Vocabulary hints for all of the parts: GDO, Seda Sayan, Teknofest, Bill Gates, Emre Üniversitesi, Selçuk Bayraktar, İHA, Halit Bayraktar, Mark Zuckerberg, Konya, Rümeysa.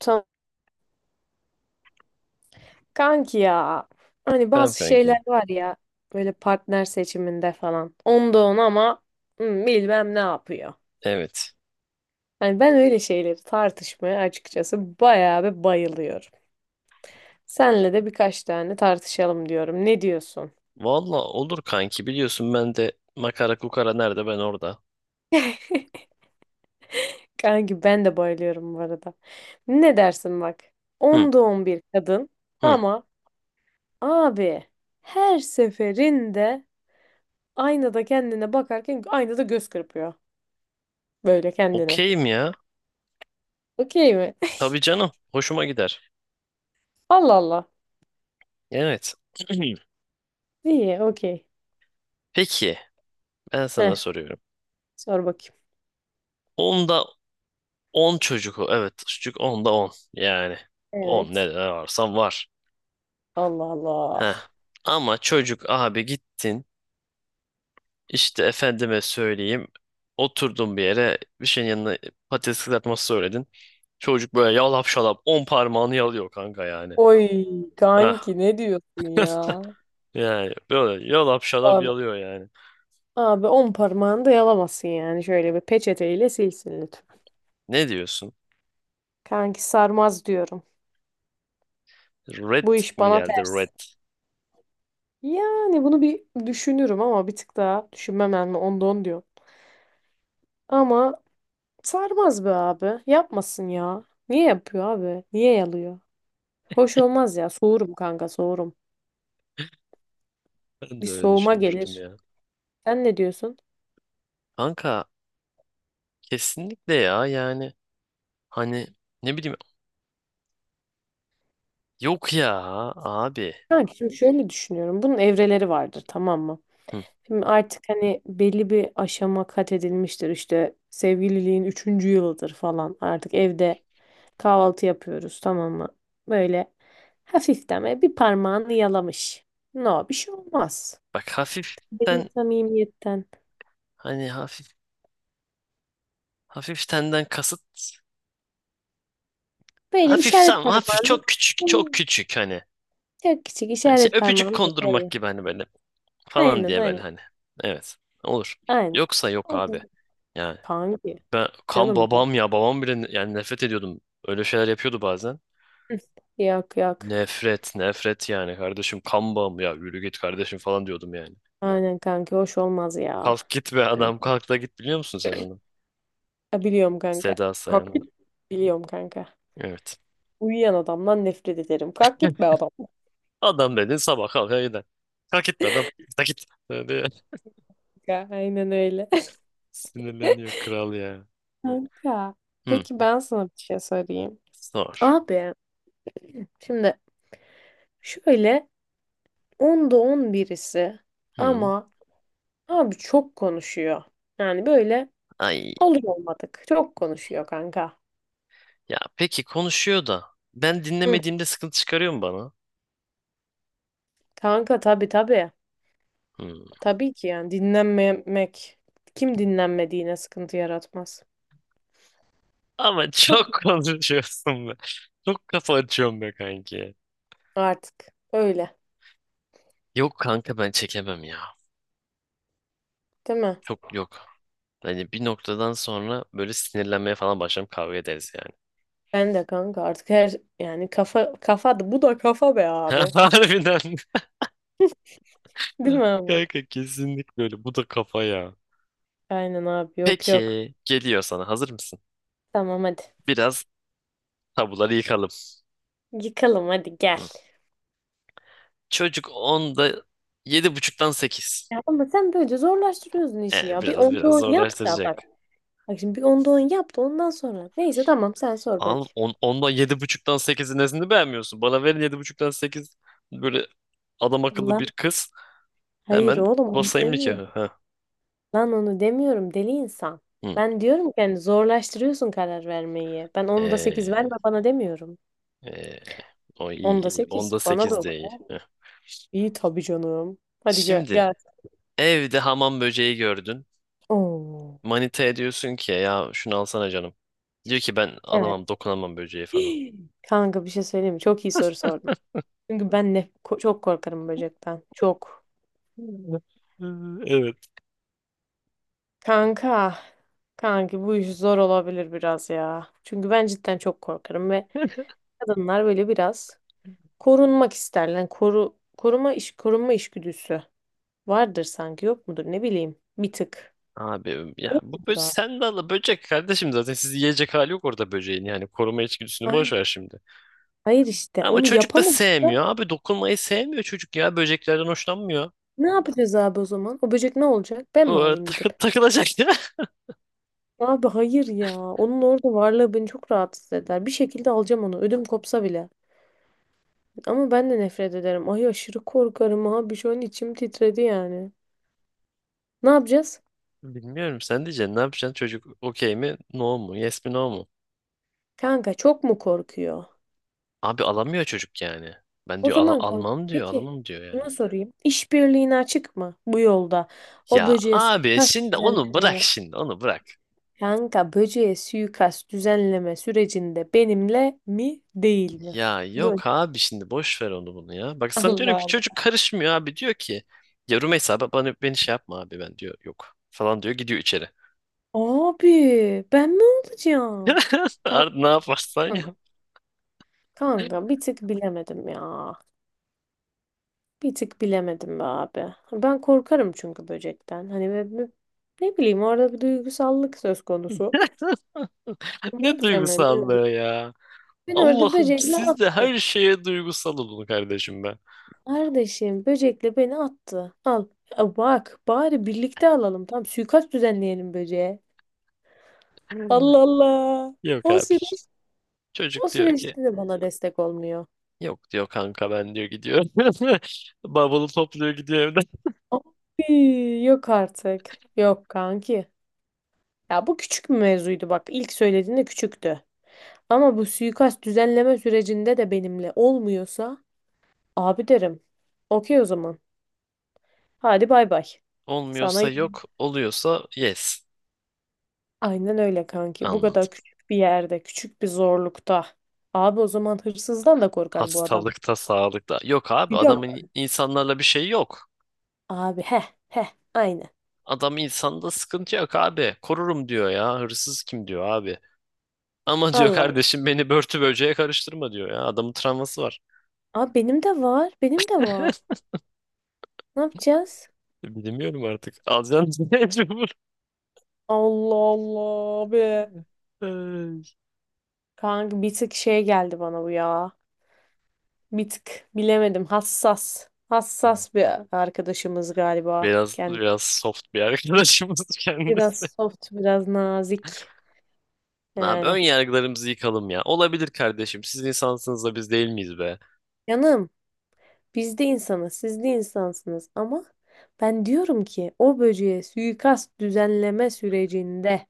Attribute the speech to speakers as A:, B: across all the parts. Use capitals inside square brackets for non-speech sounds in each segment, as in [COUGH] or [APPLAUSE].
A: Tamam. Kanki ya. Hani
B: Tamam
A: bazı şeyler
B: kanki.
A: var ya. Böyle partner seçiminde falan. Onda on ama bilmem ne yapıyor.
B: Evet.
A: Hani ben öyle şeyleri tartışmaya açıkçası bayağı bir bayılıyorum. Senle de birkaç tane tartışalım diyorum. Ne diyorsun?
B: Valla olur kanki, biliyorsun ben de makara kukara nerede ben orada.
A: Kanki ben de bayılıyorum bu arada. Ne dersin bak?
B: Hı
A: Onda on bir kadın
B: hı.
A: ama abi her seferinde aynada kendine bakarken aynada göz kırpıyor. Böyle kendine.
B: Okeyim ya.
A: Okey mi?
B: Tabii
A: [LAUGHS]
B: canım. Hoşuma gider.
A: Allah Allah.
B: Evet. [CLEARS THROAT]
A: İyi, okey.
B: Peki, ben sana
A: Heh,
B: soruyorum.
A: sor bakayım.
B: Onda 10 çocuk o. Evet, çocuk onda on. Yani on, ne
A: Evet.
B: ne varsan var.
A: Allah Allah.
B: Heh. Ama çocuk abi, gittin. İşte efendime söyleyeyim. Oturdun bir yere, bir şeyin yanına patates kızartması söyledin. Çocuk böyle yalap şalap 10 parmağını yalıyor kanka yani.
A: Oy
B: Hah.
A: kanki ne diyorsun ya?
B: Yani böyle yalap şalap
A: Abi,
B: yalıyor yani.
A: abi on parmağını da yalamasın yani. Şöyle bir peçeteyle silsin lütfen.
B: Ne diyorsun?
A: Kanki sarmaz diyorum.
B: Red
A: Bu iş
B: mi
A: bana
B: geldi,
A: ters.
B: red?
A: Yani bunu bir düşünürüm ama bir tık daha düşünmem yani onda on diyor. Ama sarmaz be abi. Yapmasın ya. Niye yapıyor abi? Niye yalıyor? Hoş olmaz ya. Soğurum kanka soğurum.
B: Ben
A: Bir
B: de öyle
A: soğuma
B: düşünmüştüm
A: gelir.
B: ya.
A: Sen ne diyorsun?
B: Kanka kesinlikle ya, yani hani, ne bileyim, yok ya abi.
A: Kanka şimdi şöyle düşünüyorum. Bunun evreleri vardır tamam mı?
B: Hı.
A: Şimdi artık hani belli bir aşama kat edilmiştir. İşte sevgililiğin üçüncü yılıdır falan. Artık evde kahvaltı yapıyoruz tamam mmı? Böyle hafiften böyle bir parmağını yalamış. No bir şey olmaz.
B: Bak,
A: Belli
B: hafiften,
A: samimiyetten.
B: hani hafif, hafiftenden kasıt
A: Böyle
B: hafif,
A: işaret
B: tam hafif,
A: parmağını
B: çok küçük çok
A: hmm,
B: küçük hani.
A: çok küçük
B: Hani şey,
A: işaret
B: öpücük
A: parmağını böyle
B: kondurmak
A: yalıyor.
B: gibi hani böyle falan
A: Aynen
B: diye böyle
A: aynen.
B: hani. Evet. Olur.
A: Aynen.
B: Yoksa yok
A: O
B: abi.
A: da-
B: Yani
A: Kanki.
B: ben kan
A: Canım ya.
B: babam ya, babam bile yani nefret ediyordum. Öyle şeyler yapıyordu bazen.
A: Hı, yok yok.
B: Nefret, nefret yani, kardeşim kan bağım ya, yürü git kardeşim falan diyordum yani.
A: Aynen kanka hoş olmaz ya.
B: Kalk git be adam,
A: Kanka.
B: kalk da git, biliyor musun sen onu?
A: Ya biliyorum kanka.
B: Seda
A: Kalk
B: Sayan'ın.
A: git. Biliyorum kanka.
B: Evet.
A: Uyuyan adamdan nefret ederim. Kalk gitme
B: [LAUGHS]
A: adam.
B: Adam dedin, sabah kalkar gider. Kalk git be adam. Kalk git. Böyle.
A: Kanka, aynen öyle.
B: [LAUGHS] Sinirleniyor
A: [LAUGHS]
B: kral ya.
A: Kanka.
B: Hı.
A: Peki ben sana bir şey sorayım.
B: Sor.
A: Abi şimdi şöyle 10'da 10 birisi
B: Hı.
A: ama abi çok konuşuyor. Yani böyle
B: Ay.
A: olur olmadık. Çok konuşuyor kanka.
B: Ya peki, konuşuyor da ben
A: Hı.
B: dinlemediğimde sıkıntı çıkarıyor mu bana?
A: Kanka tabii tabii.
B: Hmm.
A: Tabii ki yani dinlenmemek kim dinlenmediğine sıkıntı yaratmaz.
B: Ama
A: Çok
B: çok [LAUGHS] konuşuyorsun be. Çok kafa açıyorum be kanki.
A: Artık öyle,
B: Yok kanka, ben çekemem ya.
A: değil mi?
B: Çok, yok. Hani bir noktadan sonra böyle sinirlenmeye falan başlarım, kavga ederiz yani.
A: Ben de kanka artık her yani kafa kafa da bu da kafa be
B: [LAUGHS]
A: abi.
B: Harbiden.
A: Değil mi ama?
B: Kanka kesinlikle öyle. Bu da kafa ya.
A: Aynen abi yok yok.
B: Peki, geliyor sana. Hazır mısın?
A: Tamam hadi.
B: Biraz tabuları yıkalım.
A: Yıkalım hadi gel.
B: Hı. Çocuk onda yedi buçuktan 8.
A: Ya ama sen böylece zorlaştırıyorsun işi ya. Bir
B: Biraz
A: onda
B: biraz
A: on yap da bak.
B: zorlaştıracak.
A: Bak şimdi bir onda on yap da ondan sonra. Neyse tamam sen sor bak.
B: Ondan, yedi buçuktan sekizin nesini beğenmiyorsun? Bana verin yedi buçuktan sekiz, böyle adam akıllı bir
A: Lan
B: kız.
A: hayır
B: Hemen
A: oğlum onu
B: basayım
A: demiyorum.
B: nikahı. Ha.
A: Lan onu demiyorum deli insan.
B: Hı.
A: Ben diyorum ki yani zorlaştırıyorsun karar vermeyi. Ben onda sekiz
B: Ee,
A: verme bana demiyorum.
B: ee, O iyi,
A: Onda
B: iyi.
A: sekiz
B: Onda
A: bana da
B: 8
A: o.
B: de iyi. Heh.
A: İyi tabii canım. Hadi
B: Şimdi,
A: gel.
B: evde hamam böceği gördün.
A: Oo.
B: Manitaya diyorsun ki ya şunu alsana canım. Diyor ki ben
A: Evet.
B: alamam, dokunamam böceği falan.
A: [GASPS] Kanka bir şey söyleyeyim mi? Çok iyi soru sordun. Çünkü ben çok korkarım böcekten. Çok.
B: [LAUGHS] Evet.
A: Kanka. Kanki bu iş zor olabilir biraz ya. Çünkü ben cidden çok korkarım ve kadınlar böyle biraz korunmak isterler. Yani koru koruma iş korunma işgüdüsü vardır sanki yok mudur ne bileyim bir tık.
B: Abi ya,
A: Yok
B: bu böcek,
A: mudur abi?
B: sen de al böcek kardeşim, zaten sizi yiyecek hali yok orada böceğin, yani koruma içgüdüsünü boş
A: Aynen.
B: ver şimdi.
A: Hayır işte
B: Ama
A: onu
B: çocuk da
A: yapamazsa
B: sevmiyor. Abi, dokunmayı sevmiyor çocuk ya. Böceklerden hoşlanmıyor.
A: ne yapacağız abi o zaman? O böcek ne olacak? Ben
B: O
A: mi
B: ara [LAUGHS]
A: alayım gidip?
B: takılacak ya. [LAUGHS]
A: Abi hayır ya. Onun orada varlığı beni çok rahatsız eder. Bir şekilde alacağım onu. Ödüm kopsa bile. Ama ben de nefret ederim. Ay aşırı korkarım abi. Şu an içim titredi yani. Ne yapacağız?
B: Bilmiyorum, sen diyeceksin ne yapacaksın, çocuk okey mi, no mu, yes mi, no mu?
A: Kanka çok mu korkuyor?
B: Abi alamıyor çocuk yani. Ben
A: O
B: diyor,
A: zaman kanka
B: Almam diyor,
A: peki
B: alamam diyor" yani.
A: şunu sorayım. İşbirliğine açık mı bu yolda? O
B: Ya
A: böceğe
B: abi,
A: suikast
B: şimdi onu bırak,
A: düzenlemeye.
B: şimdi onu bırak.
A: Kanka böceğe suikast düzenleme sürecinde benimle mi değil mi?
B: Ya
A: Bu.
B: yok abi, şimdi boş ver onu bunu ya. Bak sana diyorum
A: Allah
B: ki çocuk
A: Allah.
B: karışmıyor abi, diyor ki. Ya Rümeysa bana, beni şey yapma abi, ben diyor yok falan diyor, gidiyor içeri.
A: [LAUGHS] Abi ben ne olacağım?
B: [LAUGHS]
A: Kanka.
B: Ne yaparsan yap.
A: Kanka bir tık bilemedim ya. Bir tık bilemedim be abi. Ben korkarım çünkü böcekten. Hani ne bileyim orada bir duygusallık söz konusu.
B: [LAUGHS]
A: Ne
B: Ne
A: yapacağım ben bilmiyorum.
B: duygusallığı ya.
A: Beni orada
B: Allah'ım,
A: böcekle
B: siz de her
A: attı.
B: şeye duygusal olun kardeşim, ben.
A: Kardeşim böcekle beni attı. Al. Ya bak bari birlikte alalım. Tamam suikast düzenleyelim böceğe. Allah Allah.
B: Yok
A: O
B: abi.
A: süreç, o
B: Çocuk diyor ki
A: süreçte de bana destek olmuyor.
B: yok diyor kanka, ben diyor gidiyor. [LAUGHS] Bavulu topluyor, gidiyor evden.
A: Abi, yok artık. Yok kanki. Ya bu küçük bir mevzuydu bak. İlk söylediğinde küçüktü. Ama bu suikast düzenleme sürecinde de benimle olmuyorsa abi derim. Okey o zaman. Hadi bay bay. Sana
B: Olmuyorsa
A: iyi gün-
B: yok, oluyorsa yes.
A: Aynen öyle kanki. Bu
B: Anladım.
A: kadar küçük bir yerde, küçük bir zorlukta. Abi o zaman hırsızdan da korkar bu adam.
B: Hastalıkta, sağlıkta. Yok abi,
A: Bir dakika.
B: adamın insanlarla bir şey yok.
A: Abi heh heh aynen.
B: Adam insanda sıkıntı yok abi. Korurum diyor ya. Hırsız kim diyor abi. Ama diyor
A: Allah Allah.
B: kardeşim, beni börtü böceğe karıştırma diyor ya. Adamın travması var.
A: Abi benim de var. Benim de var. Ne yapacağız?
B: Bilmiyorum artık. Alacağım [LAUGHS] mecbur.
A: Allah Allah abi.
B: Ay.
A: Kanka bir tık şey geldi bana bu ya. Bir tık bilemedim. Hassas. Hassas bir arkadaşımız galiba.
B: Biraz
A: Kendisi
B: biraz soft bir arkadaşımız [LAUGHS] kendisi.
A: biraz soft, biraz nazik.
B: Abi, ön
A: Yani
B: yargılarımızı yıkalım ya. Olabilir kardeşim. Siz insansınız da biz değil miyiz be?
A: canım biz de insanız, siz de insansınız ama ben diyorum ki o böceğe suikast düzenleme sürecinde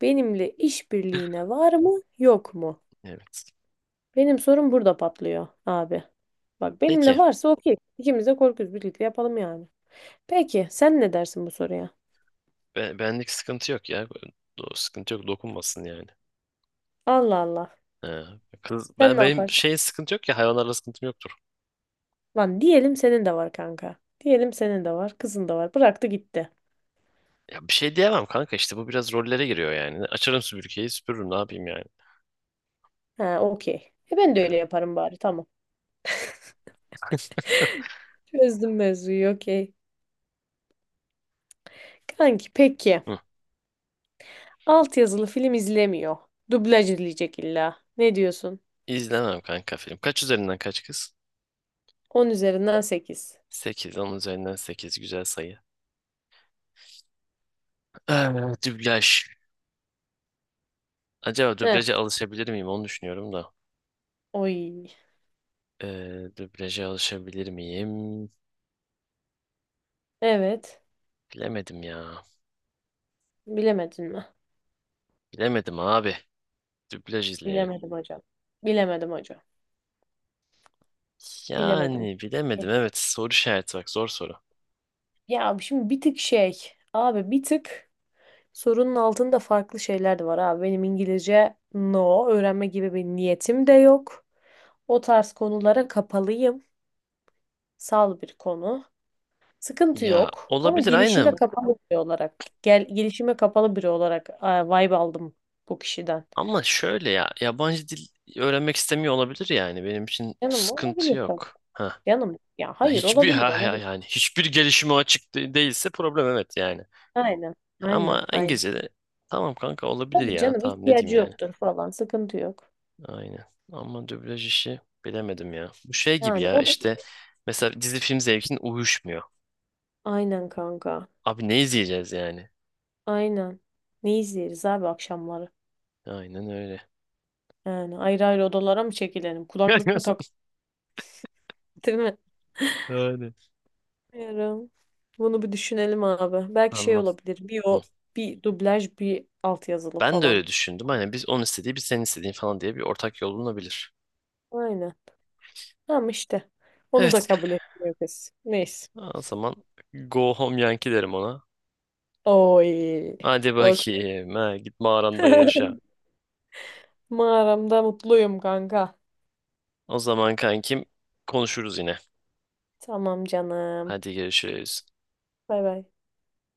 A: benimle işbirliğine var mı, yok mu?
B: Evet.
A: Benim sorum burada patlıyor abi. Bak benimle
B: Peki.
A: varsa okey. İkimiz de korkuyuz birlikte yapalım yani. Peki sen ne dersin bu soruya?
B: Benlik sıkıntı yok ya. Sıkıntı yok. Dokunmasın yani.
A: Allah Allah.
B: He. Kız,
A: Sen
B: ben
A: ne
B: benim
A: yaparsın?
B: şey, sıkıntı yok ya, hayvanlarla sıkıntım yoktur.
A: Lan diyelim senin de var kanka. Diyelim senin de var, kızın da var. Bıraktı gitti.
B: Ya bir şey diyemem kanka, işte bu biraz rollere giriyor yani. Açarım süpürgeyi, süpürürüm, ne yapayım yani.
A: Ha, okey. E ben de
B: He.
A: öyle yaparım bari tamam. [LAUGHS] Çözdüm mevzuyu okey. Kanki peki.
B: Hı.
A: Alt yazılı film izlemiyor. Dublaj izleyecek illa. Ne diyorsun?
B: İzlemem kanka film. Kaç üzerinden kaç kız?
A: On üzerinden sekiz.
B: 8, 10 üzerinden 8 güzel sayı. Ee, Dublaj. Acaba
A: Heh.
B: dublaja alışabilir miyim? Onu düşünüyorum da.
A: Oy.
B: Dublaja alışabilir miyim?
A: Evet.
B: Bilemedim ya.
A: Bilemedin mi?
B: Bilemedim abi. Dublaj izleyelim.
A: Bilemedim hocam. Bilemedim hocam. Bilemedim.
B: Yani bilemedim, evet. Soru işareti, bak zor soru.
A: Ya şimdi bir tık şey. Abi bir tık sorunun altında farklı şeyler de var abi. Benim İngilizce no öğrenme gibi bir niyetim de yok. O tarz konulara kapalıyım. Sal bir konu. Sıkıntı
B: Ya
A: yok. Ama
B: olabilir,
A: gelişime
B: aynen.
A: kapalı biri olarak, gelişime kapalı biri olarak vibe aldım bu kişiden.
B: Ama şöyle ya, yabancı dil öğrenmek istemiyor olabilir yani. Benim için
A: Canım
B: sıkıntı
A: olabilir tabii.
B: yok. Ha.
A: Canım ya hayır
B: Hiçbir
A: olabilir olabilir.
B: yani hiçbir gelişime açık değilse, problem, evet yani.
A: Aynen. Aynen.
B: Ama
A: Aynen.
B: İngilizce'de tamam kanka, olabilir
A: Tabii
B: ya.
A: canım
B: Tamam, ne
A: ihtiyacı
B: diyeyim yani.
A: yoktur falan. Sıkıntı yok.
B: Aynen. Ama dublaj işi bilemedim ya. Bu şey gibi
A: Yani
B: ya
A: o
B: işte, mesela dizi film zevkin uyuşmuyor.
A: aynen kanka.
B: Abi, ne izleyeceğiz yani?
A: Aynen. Ne izleriz abi akşamları?
B: Aynen öyle.
A: Yani ayrı ayrı odalara mı çekilelim? Kulaklık mı takalım?
B: [LAUGHS]
A: [LAUGHS] Değil mi?
B: Öyle.
A: Bilmiyorum. Bunu bir düşünelim abi. Belki şey
B: Anladım.
A: olabilir. Bir
B: Hı.
A: o, bir dublaj, bir altyazılı
B: Ben de
A: falan.
B: öyle düşündüm. Hani biz onun istediği, biz senin istediğin falan diye bir ortak yol bulunabilir.
A: Aynen. Tamam işte. Onu da
B: Evet.
A: kabul etmiyor kız. Neyse.
B: O zaman go home Yankee derim ona.
A: Oy.
B: Hadi
A: Okay.
B: bakayım. Ha, git mağaranda
A: [LAUGHS]
B: yaşa.
A: Mağaramda mutluyum kanka.
B: O zaman kankim, konuşuruz yine.
A: Tamam canım.
B: Hadi görüşürüz.
A: Bay bay.